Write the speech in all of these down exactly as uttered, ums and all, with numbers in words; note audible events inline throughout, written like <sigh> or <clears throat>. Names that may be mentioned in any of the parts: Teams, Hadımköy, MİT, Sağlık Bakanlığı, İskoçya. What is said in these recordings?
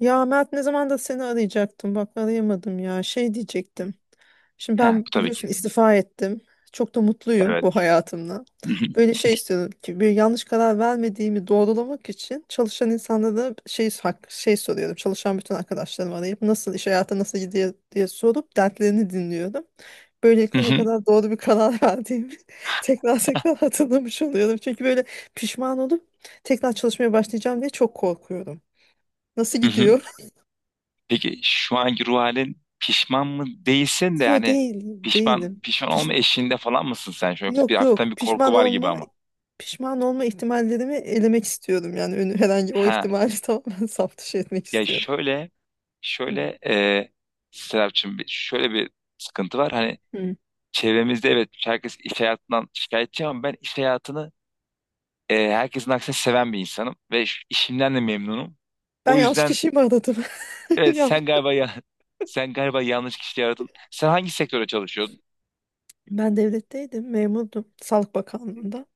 Ya Mert ne zaman da seni arayacaktım. Bak arayamadım ya. Şey diyecektim. Şimdi Ha, bu ben tabii ki. biliyorsun istifa ettim. Çok da mutluyum bu Evet. hayatımla. <laughs> Böyle şey istiyorum ki bir yanlış karar vermediğimi doğrulamak için çalışan insanlara şey hak- şey soruyorum. Çalışan bütün arkadaşlarımı arayıp nasıl iş hayatı nasıl gidiyor diye sorup dertlerini dinliyorum. Hı Böylelikle ne hı, hı hı. kadar doğru bir karar <laughs> verdiğimi tekrar tekrar hatırlamış oluyorum. Çünkü böyle pişman olup tekrar çalışmaya başlayacağım diye çok korkuyorum. Nasıl gidiyor? Peki şu anki ruh halin pişman mı değilsin de, Yo yani değilim, değilim. pişman pişman Piş, olma eşiğinde falan mısın sen? Şu an yoksa bir yok yok hafiften bir korku pişman var gibi olma ama. pişman olma ihtimallerimi elemek istiyorum. Yani önü, herhangi o Ha, ihtimali <laughs> tamamen saf dışı etmek ya istiyorum. şöyle Hı. şöyle e, Serapcığım, bir- şöyle bir sıkıntı var. Hani Hı. çevremizde, evet, herkes iş hayatından şikayetçi ama ben iş hayatını e, herkesin aksine seven bir insanım ve şu işimden de memnunum. Ben O yanlış yüzden kişiyi mi aradım? <laughs> evet, Yanlış. sen galiba ya <laughs> sen galiba yanlış kişi aradın. Sen hangi sektöre çalışıyordun? Ben devletteydim, memurdum. Sağlık Bakanlığı'nda.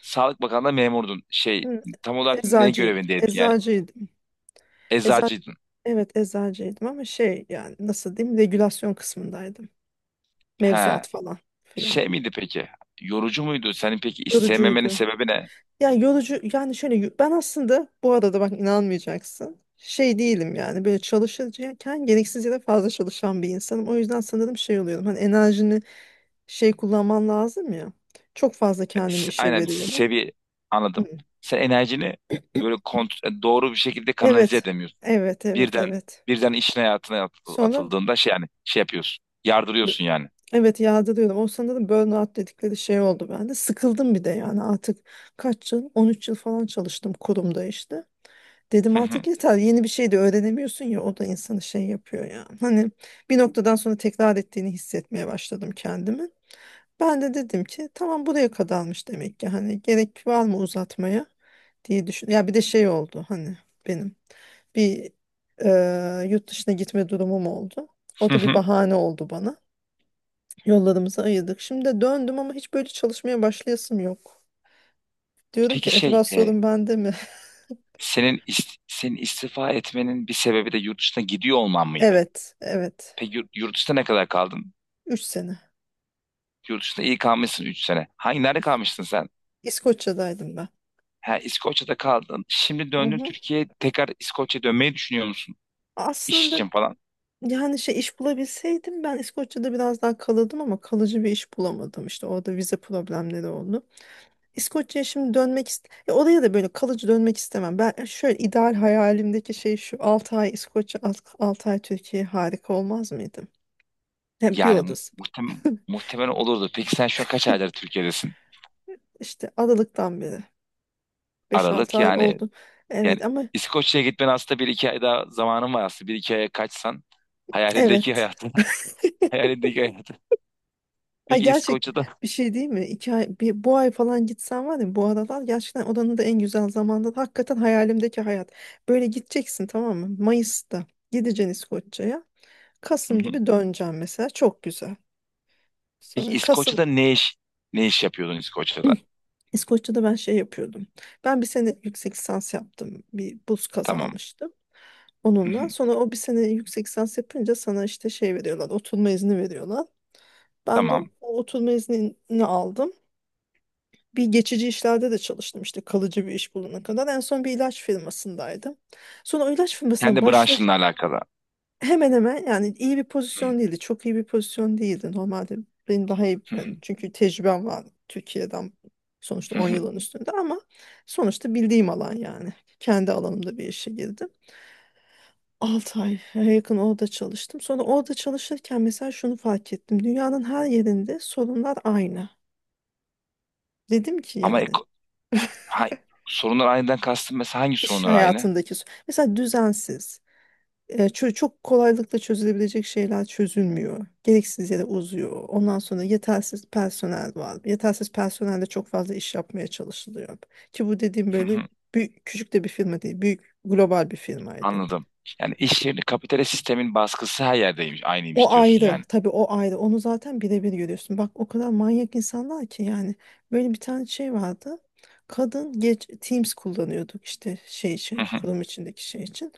Sağlık Bakanlığı'nda memurdun. Şey Hı, Tam olarak ne eczacıyım. görevindeydin yani? Eczacıydım. Ecza Eczacıydın. evet eczacıydım ama şey yani nasıl diyeyim regülasyon kısmındaydım. He. Mevzuat falan filan. Şey miydi peki? Yorucu muydu? Senin peki istememenin Yorucuydu. sebebi ne? Yani yorucu yani şöyle ben aslında bu arada bak inanmayacaksın. Şey değilim yani böyle çalışırken gereksiz yere fazla çalışan bir insanım. O yüzden sanırım şey oluyorum. Hani enerjini şey kullanman lazım ya. Çok fazla kendimi S- işe Aynen veriyordum. seviye Hı. anladım. Sen enerjini böyle kont- e, doğru bir şekilde kanalize Evet. edemiyorsun. Evet, evet, Birden evet. birden işin hayatına at- Sonra atıldığında şey, yani şey yapıyorsun. b- Yardırıyorsun yani. evet yadırıyorum. O sanırım burnout dedikleri şey oldu bende. Sıkıldım bir de yani artık kaç yıl? On üç yıl falan çalıştım kurumda işte. Dedim Hı hı, artık yeter yeni bir şey de öğrenemiyorsun ya o da insanı şey yapıyor ya. Hani bir noktadan sonra tekrar ettiğini hissetmeye başladım kendimi. Ben de dedim ki tamam buraya kadarmış demek ki hani gerek var mı uzatmaya diye düşün. Ya bir de şey oldu hani benim bir e, yurt dışına gitme durumum oldu. O hı da bir hı. bahane oldu bana. Yollarımızı ayırdık. Şimdi de döndüm ama hiç böyle çalışmaya başlayasım yok. Diyorum Peki, ki şey acaba e, sorun bende mi? <laughs> senin ist- senin istifa etmenin bir sebebi de yurt dışına gidiyor olman mıydı? Evet, evet. Peki, yurt, yurt dışında ne kadar kaldın? Üç sene. Yurt dışında iyi kalmışsın, üç sene. Hangi nerede kalmıştın sen? İskoçya'daydım ben. Ha, İskoçya'da kaldın. Şimdi Hı döndün hı. Türkiye'ye, tekrar İskoçya'ya dönmeyi düşünüyor musun? İş Aslında için falan. yani şey iş bulabilseydim ben İskoçya'da biraz daha kalırdım ama kalıcı bir iş bulamadım. İşte orada vize problemleri oldu. İskoçya'ya şimdi dönmek ist ya oraya da böyle kalıcı dönmek istemem. Ben şöyle ideal hayalimdeki şey şu altı ay İskoçya altı ay Türkiye harika olmaz mıydı? Hem bir Yani odası. muhtem <laughs> muhtemelen olurdu. Peki sen şu an kaç aydır Türkiye'desin? İşte Aralık'tan beri beş altı Aralık, ay yani oldu. yani Evet ama İskoçya'ya gitmen aslında bir iki ay daha zamanın var aslında. Bir iki aya kaçsan hayalindeki evet hayatı. <laughs> Hayalindeki hayatı. ay Peki gerçekten İskoçya'da. bir şey değil mi? İki ay, bir, bu ay falan gitsen var ya bu aralar gerçekten oranın da en güzel zamanda. Hakikaten hayalimdeki hayat. Böyle gideceksin tamam mı? Mayıs'ta gideceksin İskoçya'ya. Hı Kasım hı. gibi döneceğim mesela. Çok güzel. Peki Sonra Kasım İskoçya'da ne iş ne iş yapıyordun İskoçya'da? <clears throat> İskoçya'da ben şey yapıyordum. Ben bir sene yüksek lisans yaptım. Bir burs Tamam. kazanmıştım Hı hı. onunla. Sonra o bir sene yüksek lisans yapınca sana işte şey veriyorlar. Oturma izni veriyorlar. Ben de Tamam. o oturma iznini aldım. Bir geçici işlerde de çalıştım işte kalıcı bir iş bulana kadar. En son bir ilaç firmasındaydım. Sonra o ilaç firmasına Kendi başla branşınla alakalı. hemen hemen yani iyi bir Hı hı. pozisyon değildi. Çok iyi bir pozisyon değildi. Normalde benim daha iyi Hı hı. yani çünkü tecrübem var Türkiye'den sonuçta Hı on hı. yılın üstünde ama sonuçta bildiğim alan yani. Kendi alanımda bir işe girdim. altı ay e, yakın orada çalıştım. Sonra orada çalışırken mesela şunu fark ettim. Dünyanın her yerinde sorunlar aynı. Dedim ki Ama yani Ha, sorunlar aynıdan kastım, mesela hangi İş sorunlar aynı? hayatındaki su- mesela düzensiz e, çö- çok kolaylıkla çözülebilecek şeyler çözülmüyor. Gereksiz yere uzuyor. Ondan sonra yetersiz personel var. Yetersiz personelle çok fazla iş yapmaya çalışılıyor. Ki bu dediğim Hı böyle hı. büyük, küçük de bir firma değil. Büyük global bir firmaydı. Anladım. Yani iş yerinde kapitalist sistemin baskısı her yerdeymiş, O aynıymış diyorsun ayrı yani. tabii o ayrı onu zaten birebir görüyorsun. Bak o kadar manyak insanlar ki yani böyle bir tane şey vardı. Kadın geç Teams kullanıyorduk işte şey için Hı hı. kurum içindeki şey için.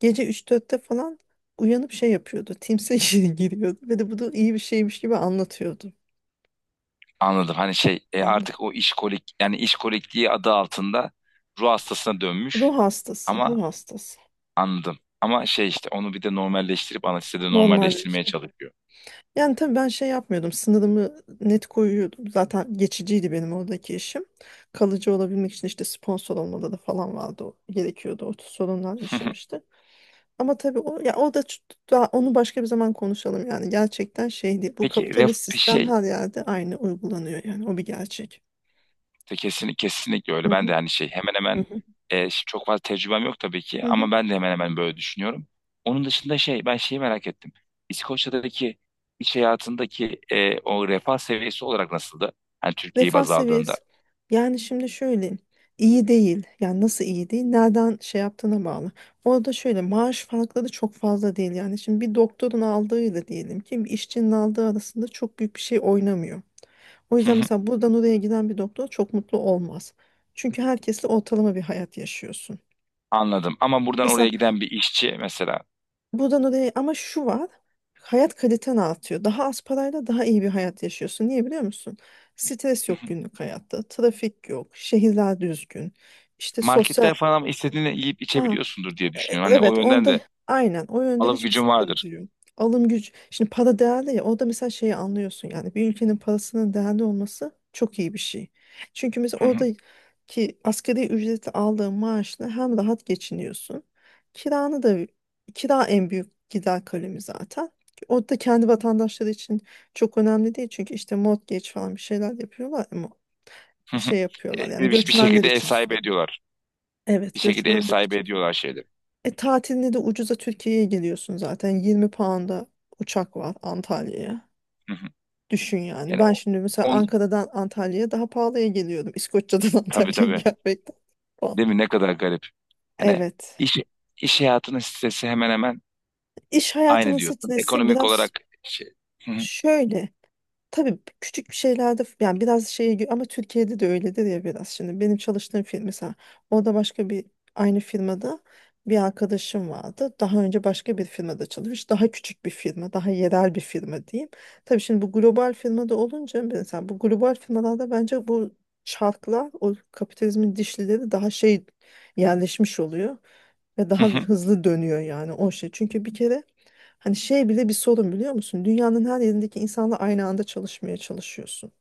Gece üç dörtte falan uyanıp şey yapıyordu. Teams'e <laughs> gir- giriyordu ve de bu da iyi bir şeymiş gibi anlatıyordu. Anladım. Hani şey e, Anladım. artık o işkolik, yani işkolikliği adı altında ruh hastasına dönmüş Ruh hastası, ama, ruh hastası. anladım. Ama şey işte onu bir de normalleştirip anestezide Normalde normalleştirmeye çalışıyor. yani tabii ben şey yapmıyordum. Sınırımı net koyuyordum. Zaten geçiciydi benim oradaki işim. Kalıcı olabilmek için işte sponsor olmaları falan vardı. o- Gerekiyordu. O sorunlar Hı hı. yaşamıştı. Ama tabii o, ya o da ç- daha onu başka bir zaman konuşalım yani. Gerçekten şey değil. Bu Peki ref, kapitalist sistem şey her yerde aynı uygulanıyor yani. O bir gerçek. Te- Kesin, Kesinlikle öyle. Hı Ben de hı. hani, şey hemen Hı hemen, hı. e, ş- çok fazla tecrübem yok tabii Hı ki, hı. ama ben de hemen hemen böyle düşünüyorum. Onun dışında şey ben şeyi merak ettim. İskoçya'daki iş hayatındaki e, o refah seviyesi olarak nasıldı? Hani Türkiye'yi Refah baz aldığında. seviyesi. Yani şimdi şöyle iyi değil. Yani nasıl iyi değil? Nereden şey yaptığına bağlı. Orada şöyle maaş farkları çok fazla değil. Yani şimdi bir doktorun aldığıyla diyelim ki bir işçinin aldığı arasında çok büyük bir şey oynamıyor. O Hı yüzden hı. mesela buradan oraya giden bir doktor çok mutlu olmaz. Çünkü herkesle ortalama bir hayat yaşıyorsun. Anladım. Ama buradan oraya Mesela giden bir işçi mesela, buradan oraya ama şu var. Hayat kaliten artıyor. Daha az parayla daha iyi bir hayat yaşıyorsun. Niye biliyor musun? Stres hı yok hı, günlük hayatta. Trafik yok. Şehirler düzgün. İşte sosyal... marketler falan ama istediğini yiyip Ha, içebiliyorsundur diye e, düşünüyorum. Hani o evet yönden onda de aynen o yönde alım hiçbir gücün vardır. sıkıntı yok. Alım gücü şimdi para değerli ya orada mesela şeyi anlıyorsun yani bir ülkenin parasının değerli olması çok iyi bir şey. Çünkü mesela Hı hı, oradaki asgari ücreti aldığın maaşla hem rahat geçiniyorsun. Kiranı da kira en büyük gider kalemi zaten. O da kendi vatandaşları için çok önemli değil çünkü işte mortgage falan bir şeyler yapıyorlar ama hı hı. şey E, yapıyorlar Bir, yani bir bir göçmenler şekilde ev için sahibi sorun. ediyorlar. Bir Evet şekilde ev göçmenler sahibi için. ediyorlar şeyleri. E, tatilinde de ucuza Türkiye'ye geliyorsun zaten. Yirmi pound'a uçak var Antalya'ya. Hı hı. Düşün yani. Yani Ben o- şimdi mesela Ankara'dan Antalya'ya daha pahalıya geliyordum. İskoçya'dan <laughs> tabii, Antalya'ya tabii. gelmekten. Falan. Değil mi? Ne kadar garip. Hani Evet. iş, iş hayatının stresi hemen hemen İş hayatının aynı diyorsun. stresi Ekonomik biraz olarak şey. Hı hı, şöyle. Tabii küçük bir şeylerde yani biraz şey ama Türkiye'de de öyledir ya biraz. Şimdi benim çalıştığım firma mesela orada başka bir aynı firmada bir arkadaşım vardı. Daha önce başka bir firmada çalışmış. Daha küçük bir firma, daha yerel bir firma diyeyim. Tabii şimdi bu global firmada olunca mesela bu global firmalarda bence bu çarklar o kapitalizmin dişlileri daha şey yerleşmiş oluyor. Ve hı daha hı. hızlı dönüyor yani o şey. Çünkü bir kere hani şey bile bir sorun biliyor musun? Dünyanın her yerindeki insanla aynı anda çalışmaya çalışıyorsun.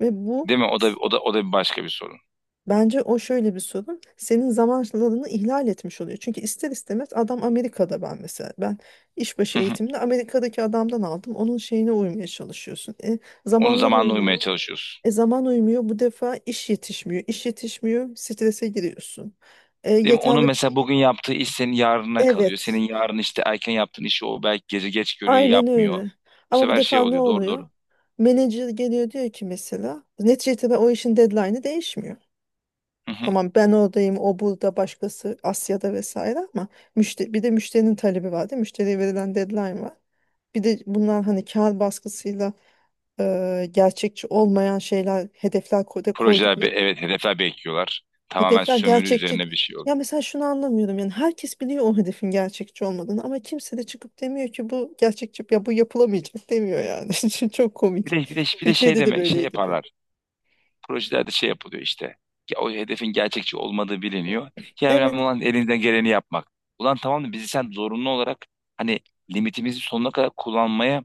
Ve bu Değil mi? O da s- o da o da bir başka bir sorun. bence o şöyle bir sorun. Senin zamanlarını ihlal etmiş oluyor. Çünkü ister istemez adam Amerika'da ben mesela. Ben işbaşı Hı hı. eğitimini Amerika'daki adamdan aldım. Onun şeyine uymaya çalışıyorsun. E, Onun zamanlar zamanına uymaya uymuyor. çalışıyorsun. E zaman uymuyor. Bu defa iş yetişmiyor. İş yetişmiyor. Strese giriyorsun. E, Değil mi? Onun yeterli mesela bugün yaptığı iş senin yarına kalıyor. Senin Evet. yarın işte erken yaptığın işi, o belki gece geç görüyor, Aynen yapmıyor. öyle. Bu Ama bu sefer şey defa ne oluyor. Doğru, oluyor? doğru. Menajer geliyor diyor ki mesela neticede ben o işin deadline'ı değişmiyor. Hı hı. Tamam ben oradayım, o burada, başkası Asya'da vesaire ama müşteri, bir de müşterinin talebi var değil mi? Müşteriye verilen deadline var. Bir de bunlar hani kar baskısıyla e, gerçekçi olmayan şeyler, hedefler ko- da Projeler be- koydukları evet hedefler bekliyorlar. Tamamen hedefler sömürü gerçekçi. üzerine bir şey oluyor. Ya mesela şunu anlamıyorum yani herkes biliyor o hedefin gerçekçi olmadığını ama kimse de çıkıp demiyor ki bu gerçekçi ya bu yapılamayacak demiyor yani. <laughs> Çok Bir komik. de bir de bir de şey Türkiye'de de deme şey böyleydi bu. yaparlar. Projelerde şey yapılıyor işte. Ya o hedefin gerçekçi olmadığı biliniyor. Ya önemli Evet. olan elinden geleni yapmak. Ulan tamam da bizi sen zorunlu olarak, hani, limitimizi sonuna kadar kullanmaya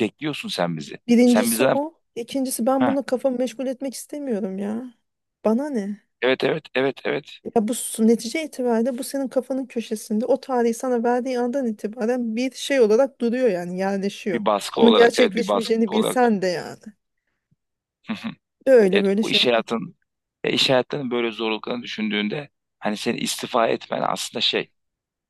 bekliyorsun sen bizi. Sen Birincisi bizden, o. İkincisi ben ha, bunu kafamı meşgul etmek istemiyorum ya. Bana ne? evet, evet, evet, evet, Ya bu su- netice itibariyle bu senin kafanın köşesinde o tarihi sana verdiği andan itibaren bir şey olarak duruyor yani yerleşiyor. bir baskı Onun olarak, evet, bir gerçekleşmeyeceğini baskı olarak. bilsen de yani. <laughs> Böyle Evet, böyle o şey. iş hayatın ya iş hayatının böyle zorluklarını düşündüğünde, hani seni istifa etmen aslında şey,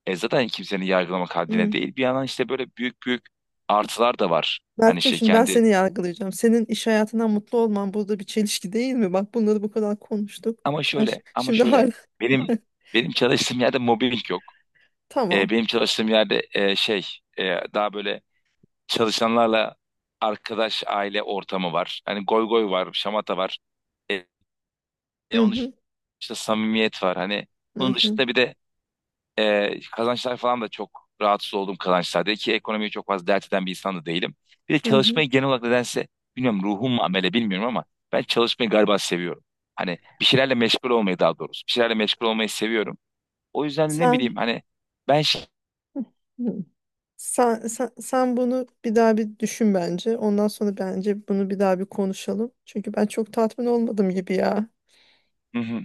e zaten kimsenin yargılamak haddine Hı. değil, bir yandan işte böyle büyük büyük artılar da var. Hani Mert'cim şey şimdi ben kendi. seni yargılayacağım. Senin iş hayatından mutlu olman burada bir çelişki değil mi? Bak bunları bu kadar konuştuk. Ama Sen ş- şöyle, ama şimdi şöyle. hala Benim <laughs> benim çalıştığım yerde mobbing yok. Ee, tamam. Benim çalıştığım yerde, e, şey e, daha böyle çalışanlarla arkadaş, aile ortamı var. Hani goy goy var, şamata var. E, e, Hı Onun hı, dışında samimiyet var. Hani hı bunun hı, dışında bir de e, kazançlar falan da, çok rahatsız olduğum kazançlarda ki ekonomiyi çok fazla dert eden bir insan da değilim. Bir de hı hı. çalışmayı genel olarak nedense, bilmiyorum ruhum mu amele bilmiyorum ama, ben çalışmayı galiba seviyorum. Hani bir şeylerle meşgul olmayı, daha doğrusu. Bir şeylerle meşgul olmayı seviyorum. O yüzden ne Sen, bileyim hani, ben şey. hı. Sen, sen, sen bunu bir daha bir düşün bence. Ondan sonra bence bunu bir daha bir konuşalım. Çünkü ben çok tatmin olmadım gibi ya. Hı hı.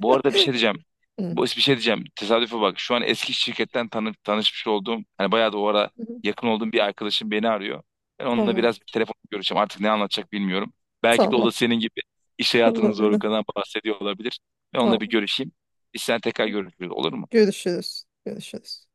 Bu arada bir şey diyeceğim. Hı, Bu bir şey diyeceğim. Tesadüfe bak. Şu an eski şirketten tanı tanışmış olduğum, hani bayağı da o ara hı. yakın olduğum bir arkadaşım beni arıyor. Ben onunla Tamam. biraz telefon görüşeceğim. Artık ne anlatacak bilmiyorum. Belki de o Tamam. da senin gibi iş <laughs> hayatının Olabilir. zorluklarından bahsediyor olabilir. Ben onunla bir Tamam. görüşeyim. Biz sen, tekrar görüşürüz, olur mu? Görüşürüz. Görüşürüz.